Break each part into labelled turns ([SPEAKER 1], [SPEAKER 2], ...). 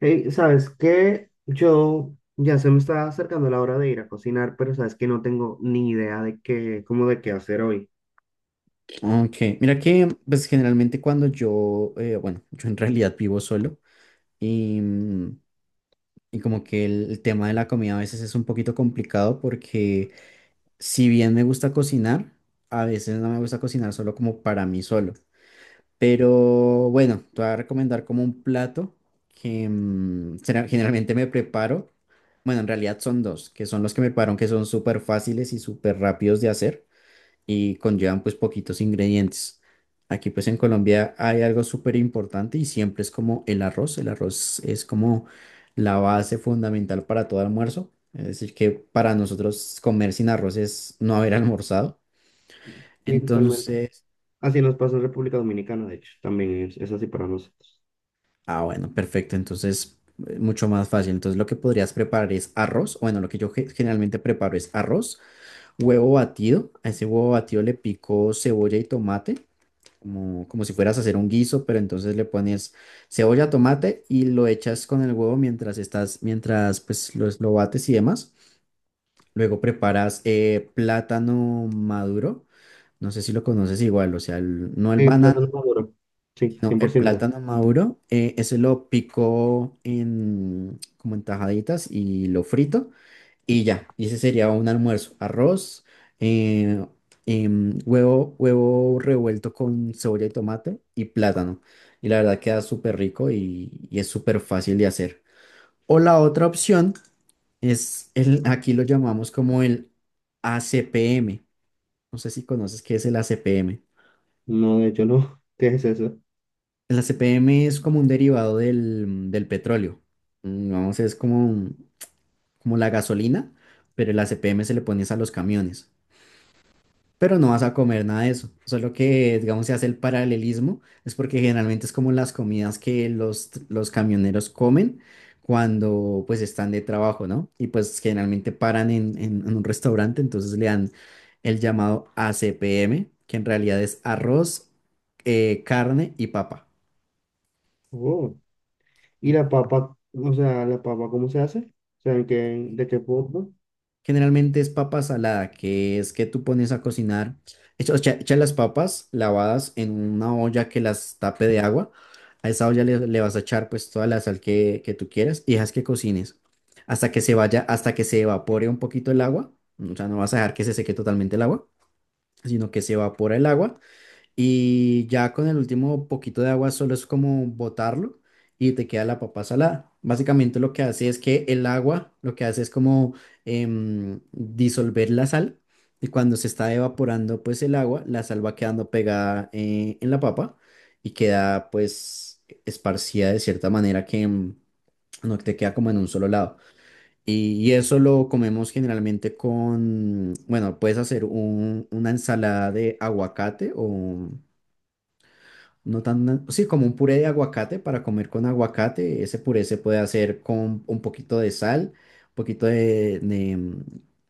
[SPEAKER 1] Hey, ¿sabes qué? Yo ya se me está acercando la hora de ir a cocinar, pero sabes que no tengo ni idea cómo de qué hacer hoy.
[SPEAKER 2] Ok, mira que pues generalmente cuando yo, yo en realidad vivo solo y, y como que el tema de la comida a veces es un poquito complicado porque si bien me gusta cocinar, a veces no me gusta cocinar solo como para mí solo. Pero bueno, te voy a recomendar como un plato que generalmente me preparo. Bueno, en realidad son dos, que son los que me preparo, que son súper fáciles y súper rápidos de hacer y conllevan pues poquitos ingredientes. Aquí pues en Colombia hay algo súper importante y siempre es como el arroz. El arroz es como la base fundamental para todo almuerzo. Es decir, que para nosotros comer sin arroz es no haber almorzado.
[SPEAKER 1] Sí, totalmente.
[SPEAKER 2] Entonces,
[SPEAKER 1] Así nos pasa en República Dominicana, de hecho, también es así para nosotros.
[SPEAKER 2] ah, bueno, perfecto. Entonces, mucho más fácil. Entonces, lo que podrías preparar es arroz. Bueno, lo que yo generalmente preparo es arroz, huevo batido. A ese huevo batido le pico cebolla y tomate. Como, como si fueras a hacer un guiso, pero entonces le pones cebolla, tomate y lo echas con el huevo mientras estás, mientras pues lo bates y demás. Luego preparas plátano maduro, no sé si lo conoces igual, o sea, no el
[SPEAKER 1] Sí,
[SPEAKER 2] banano,
[SPEAKER 1] plátano maduro. Sí,
[SPEAKER 2] no,
[SPEAKER 1] cien por
[SPEAKER 2] el
[SPEAKER 1] ciento.
[SPEAKER 2] plátano maduro, ese lo pico en, como en tajaditas y lo frito. Y ya, y ese sería un almuerzo. Arroz, eh, huevo, huevo revuelto con cebolla y tomate y plátano. Y la verdad queda súper rico y es súper fácil de hacer. O la otra opción es, el, aquí lo llamamos como el ACPM. No sé si conoces qué es el ACPM.
[SPEAKER 1] No, de hecho no. ¿Qué es eso?
[SPEAKER 2] El ACPM es como un derivado del petróleo. Vamos, es como la gasolina, pero el ACPM se le pones a los camiones. Pero no vas a comer nada de eso. Solo que, digamos, se hace el paralelismo, es porque generalmente es como las comidas que los camioneros comen cuando pues están de trabajo, ¿no? Y pues generalmente paran en un restaurante, entonces le dan el llamado ACPM, que en realidad es arroz, carne y papa.
[SPEAKER 1] Oh. ¿Y la papa? O sea, ¿la papa cómo se hace? O sea, ¿ de qué forma?
[SPEAKER 2] Generalmente es papa salada, que es que tú pones a cocinar, echas las papas lavadas en una olla que las tape de agua. A esa olla le vas a echar pues toda la sal que tú quieras y dejas que cocines hasta que se vaya, hasta que se evapore un poquito el agua. O sea, no vas a dejar que se seque totalmente el agua, sino que se evapora el agua y ya con el último poquito de agua solo es como botarlo y te queda la papa salada. Básicamente lo que hace es que el agua lo que hace es como disolver la sal y cuando se está evaporando pues el agua, la sal va quedando pegada en la papa y queda pues esparcida de cierta manera que no te queda como en un solo lado. Y eso lo comemos generalmente con, bueno, puedes hacer una ensalada de aguacate o... No tan, sí, como un puré de aguacate para comer con aguacate. Ese puré se puede hacer con un poquito de sal, un poquito de, de,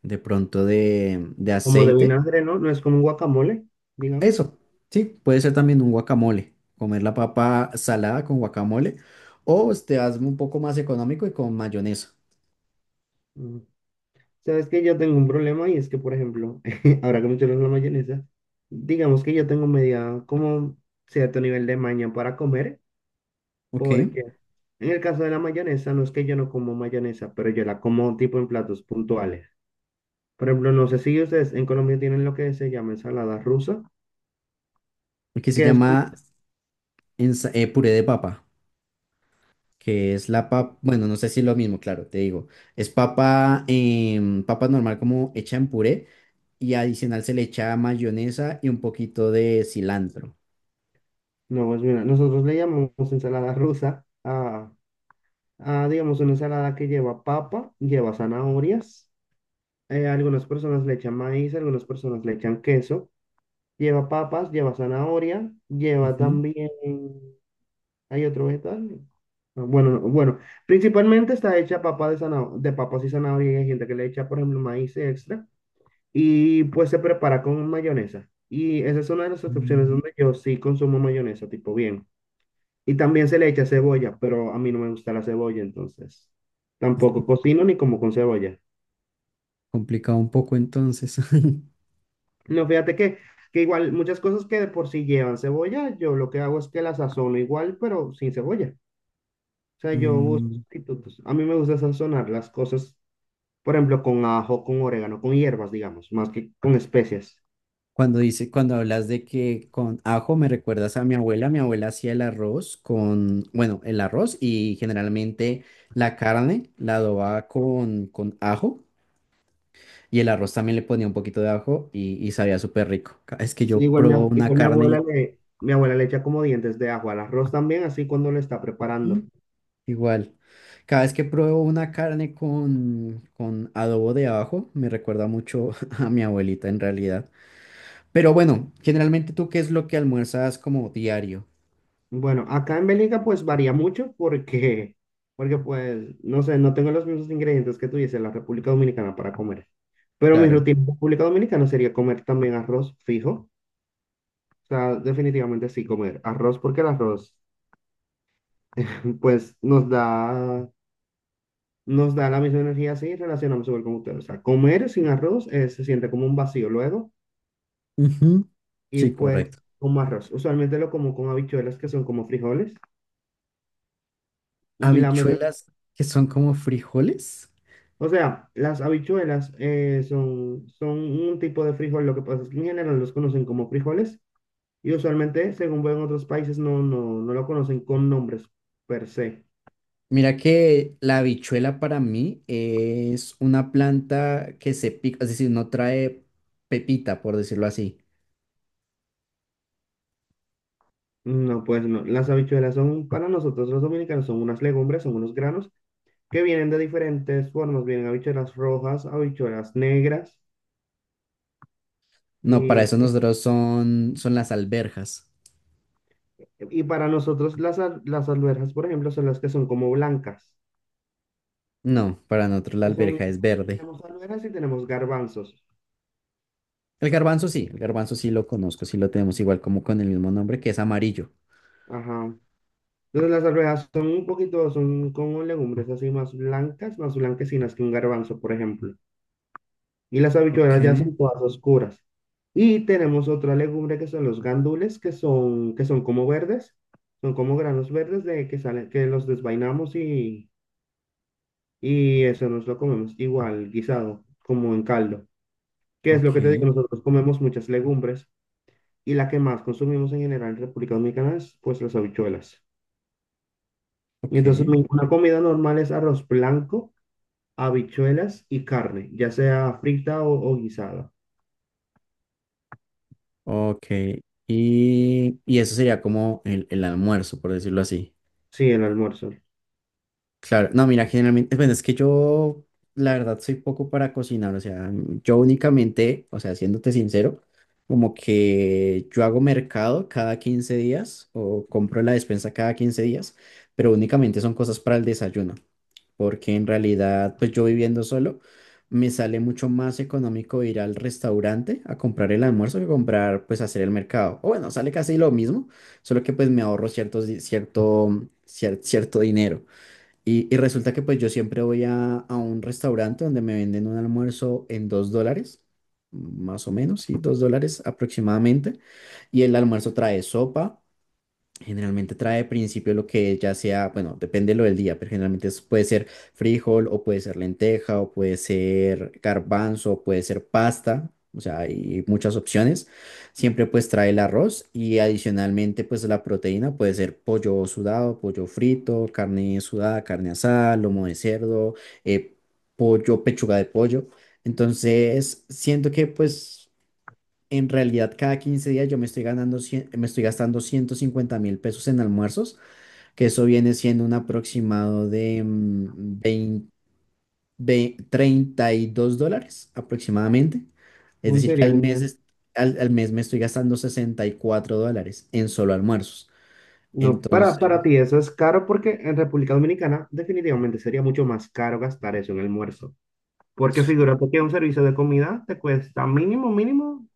[SPEAKER 2] de pronto de, de
[SPEAKER 1] Como de
[SPEAKER 2] aceite.
[SPEAKER 1] vinagre, ¿no? No es como un guacamole, digamos.
[SPEAKER 2] Eso, sí, puede ser también un guacamole. Comer la papa salada con guacamole. O te hazme un poco más económico y con mayonesa.
[SPEAKER 1] Mm. Sabes que yo tengo un problema y es que, por ejemplo, ahora que mencionas la mayonesa, digamos que yo tengo media como cierto nivel de maña para comer,
[SPEAKER 2] Ok.
[SPEAKER 1] porque en el caso de la mayonesa, no es que yo no como mayonesa, pero yo la como tipo en platos puntuales. Por ejemplo, no sé si ustedes en Colombia tienen lo que se llama ensalada rusa,
[SPEAKER 2] Que se
[SPEAKER 1] que es como,
[SPEAKER 2] llama puré de papa. Que es la papa. Bueno, no sé si es lo mismo, claro, te digo. Es papa, papa normal como hecha en puré y adicional se le echa mayonesa y un poquito de cilantro.
[SPEAKER 1] no, pues mira, nosotros le llamamos ensalada rusa a digamos, una ensalada que lleva papa, lleva zanahorias, algunas personas le echan maíz, algunas personas le echan queso. Lleva papas, lleva zanahoria, lleva
[SPEAKER 2] Ujú.
[SPEAKER 1] también, hay otro vegetal. No, bueno, no, bueno, principalmente está hecha papa de zanahoria, de papas y zanahoria, y hay gente que le echa, por ejemplo, maíz extra, y pues se prepara con mayonesa. Y esa es una de las excepciones
[SPEAKER 2] Mm,
[SPEAKER 1] donde yo sí consumo mayonesa, tipo bien. Y también se le echa cebolla, pero a mí no me gusta la cebolla, entonces tampoco cocino ni como con cebolla.
[SPEAKER 2] complicado un poco entonces.
[SPEAKER 1] No, fíjate que igual muchas cosas que de por sí llevan cebolla, yo lo que hago es que las sazono igual, pero sin cebolla. O sea, yo uso
[SPEAKER 2] Mm,
[SPEAKER 1] sustitutos. A mí me gusta sazonar las cosas, por ejemplo, con ajo, con orégano, con hierbas, digamos, más que con especias.
[SPEAKER 2] cuando dice, cuando hablas de que con ajo me recuerdas a mi abuela hacía el arroz con, bueno, el arroz y generalmente la carne la adobaba con ajo y el arroz también le ponía un poquito de ajo y sabía súper rico. Cada vez que
[SPEAKER 1] Sí,
[SPEAKER 2] yo
[SPEAKER 1] igual
[SPEAKER 2] probo una carne.
[SPEAKER 1] mi abuela le echa como dientes de ajo al arroz también, así cuando lo está preparando.
[SPEAKER 2] Igual. Cada vez que pruebo una carne con adobo de abajo me recuerda mucho a mi abuelita en realidad. Pero bueno, generalmente tú, ¿qué es lo que almuerzas como diario?
[SPEAKER 1] Bueno, acá en Bélgica pues varía mucho porque, porque pues, no sé, no tengo los mismos ingredientes que tú dices en la República Dominicana para comer. Pero mi
[SPEAKER 2] Claro.
[SPEAKER 1] rutina en República Dominicana sería comer también arroz fijo. O sea, definitivamente sí comer arroz porque el arroz pues nos da la misma energía, así relacionamos igual con ustedes. O sea, comer sin arroz se siente como un vacío luego
[SPEAKER 2] Ujú.
[SPEAKER 1] y
[SPEAKER 2] Sí,
[SPEAKER 1] pues
[SPEAKER 2] correcto.
[SPEAKER 1] como arroz. Usualmente lo como con habichuelas que son como frijoles y la mezcla.
[SPEAKER 2] Habichuelas que son como frijoles.
[SPEAKER 1] O sea, las habichuelas son un tipo de frijol, lo que pasa es que en general los conocen como frijoles y usualmente, según veo en otros países, no, no, no lo conocen con nombres per se.
[SPEAKER 2] Mira que la habichuela para mí es una planta que se pica, es decir, no trae pepita, por decirlo así.
[SPEAKER 1] No, pues no. Las habichuelas son, para nosotros los dominicanos, son unas legumbres, son unos granos que vienen de diferentes formas. Vienen habichuelas rojas, habichuelas negras
[SPEAKER 2] No, para
[SPEAKER 1] y,
[SPEAKER 2] eso nosotros son, son las alberjas.
[SPEAKER 1] y para nosotros las alberjas, por ejemplo, son las que son como blancas.
[SPEAKER 2] No, para nosotros la
[SPEAKER 1] que son-
[SPEAKER 2] alberja es verde.
[SPEAKER 1] Tenemos alberjas y tenemos garbanzos.
[SPEAKER 2] El garbanzo sí lo conozco, sí lo tenemos igual como con el mismo nombre que es amarillo.
[SPEAKER 1] Ajá. No, las arvejas son un poquito, son como legumbres así más blancas, más blanquecinas que un garbanzo, por ejemplo. Y las
[SPEAKER 2] Ok,
[SPEAKER 1] habichuelas ya son todas oscuras. Y tenemos otra legumbre que son los gandules, que son como verdes, son como granos verdes de que salen, que los desvainamos y eso nos lo comemos igual, guisado, como en caldo. Qué es lo
[SPEAKER 2] ok,
[SPEAKER 1] que te digo, nosotros comemos muchas legumbres y la que más consumimos en general en República Dominicana es pues las habichuelas. Y
[SPEAKER 2] ok,
[SPEAKER 1] entonces una comida normal es arroz blanco, habichuelas y carne, ya sea frita o guisada.
[SPEAKER 2] ok. Y eso sería como el almuerzo, por decirlo así.
[SPEAKER 1] Sí, el almuerzo.
[SPEAKER 2] Claro, no, mira, generalmente, bueno, es que yo, la verdad, soy poco para cocinar, o sea, yo únicamente, o sea, siéndote sincero, como que yo hago mercado cada 15 días o compro la despensa cada 15 días, pero únicamente son cosas para el desayuno, porque en realidad, pues yo viviendo solo, me sale mucho más económico ir al restaurante a comprar el almuerzo que comprar, pues hacer el mercado. O bueno, sale casi lo mismo, solo que pues me ahorro ciertos, di- cierto, cier- cierto dinero. Y resulta que pues yo siempre voy a un restaurante donde me venden un almuerzo en $2, más o menos, sí, $2 aproximadamente. Y el almuerzo trae sopa. Generalmente trae al principio lo que ya sea, bueno, depende lo del día, pero generalmente puede ser frijol o puede ser lenteja o puede ser garbanzo o puede ser pasta, o sea, hay muchas opciones. Siempre pues trae el arroz y adicionalmente pues la proteína puede ser pollo sudado, pollo frito, carne sudada, carne asada, lomo de cerdo, eh, pollo, pechuga de pollo. Entonces, siento que pues... En realidad, cada 15 días yo me estoy me estoy gastando 150 mil pesos en almuerzos, que eso viene siendo un aproximado de 20 $32 aproximadamente. Es
[SPEAKER 1] Uy,
[SPEAKER 2] decir, que
[SPEAKER 1] sería
[SPEAKER 2] al mes,
[SPEAKER 1] genial.
[SPEAKER 2] al mes me estoy gastando $64 en solo almuerzos.
[SPEAKER 1] No, para,
[SPEAKER 2] Entonces,
[SPEAKER 1] para ti eso es caro porque en República Dominicana definitivamente sería mucho más caro gastar eso en almuerzo. Porque figúrate que un servicio de comida te cuesta mínimo, mínimo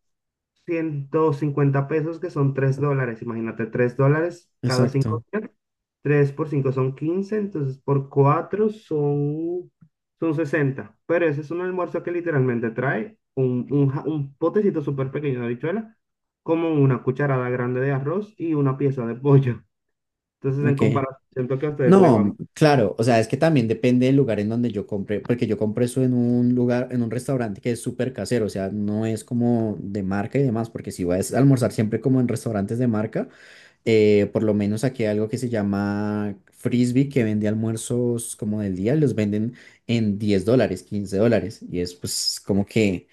[SPEAKER 1] 150 pesos, que son $3. Imagínate, $3 cada 5
[SPEAKER 2] exacto.
[SPEAKER 1] 3 por 5 son 15, entonces por 4 son, son sesenta. Pero ese es un almuerzo que literalmente trae un potecito súper pequeño de habichuela, como una cucharada grande de arroz y una pieza de pollo. Entonces, en
[SPEAKER 2] Ok.
[SPEAKER 1] comparación, siento que a ustedes le va.
[SPEAKER 2] No, claro, o sea, es que también depende del lugar en donde yo compré, porque yo compré eso en un lugar, en un restaurante que es súper casero, o sea, no es como de marca y demás, porque si vas a almorzar siempre como en restaurantes de marca, por lo menos aquí hay algo que se llama Frisbee, que vende almuerzos como del día, y los venden en $10, $15, y es pues como que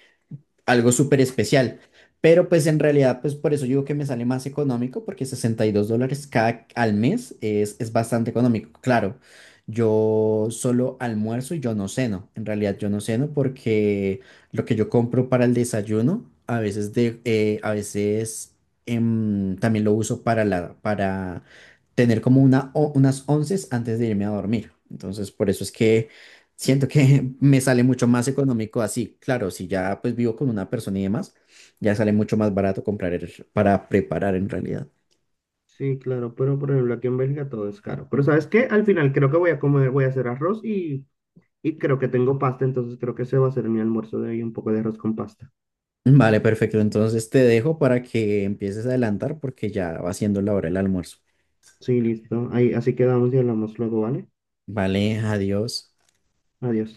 [SPEAKER 2] algo súper especial. Pero pues en realidad, pues por eso digo que me sale más económico, porque $62 cada al mes es bastante económico. Claro, yo solo almuerzo y yo no ceno. En realidad yo no ceno porque lo que yo compro para el desayuno, a veces, a veces también lo uso para tener como unas onces antes de irme a dormir. Entonces por eso es que siento que me sale mucho más económico así. Claro, si ya pues vivo con una persona y demás, ya sale mucho más barato comprar para preparar en realidad.
[SPEAKER 1] Sí, claro, pero por ejemplo, aquí en Bélgica todo es caro. Pero ¿sabes qué? Al final creo que voy a comer, voy a hacer arroz y creo que tengo pasta, entonces creo que ese va a ser mi almuerzo de hoy, un poco de arroz con pasta.
[SPEAKER 2] Vale, perfecto. Entonces te dejo para que empieces a adelantar porque ya va siendo la hora del almuerzo.
[SPEAKER 1] Sí, listo. Ahí, así quedamos y hablamos luego, ¿vale?
[SPEAKER 2] Vale, adiós.
[SPEAKER 1] Adiós.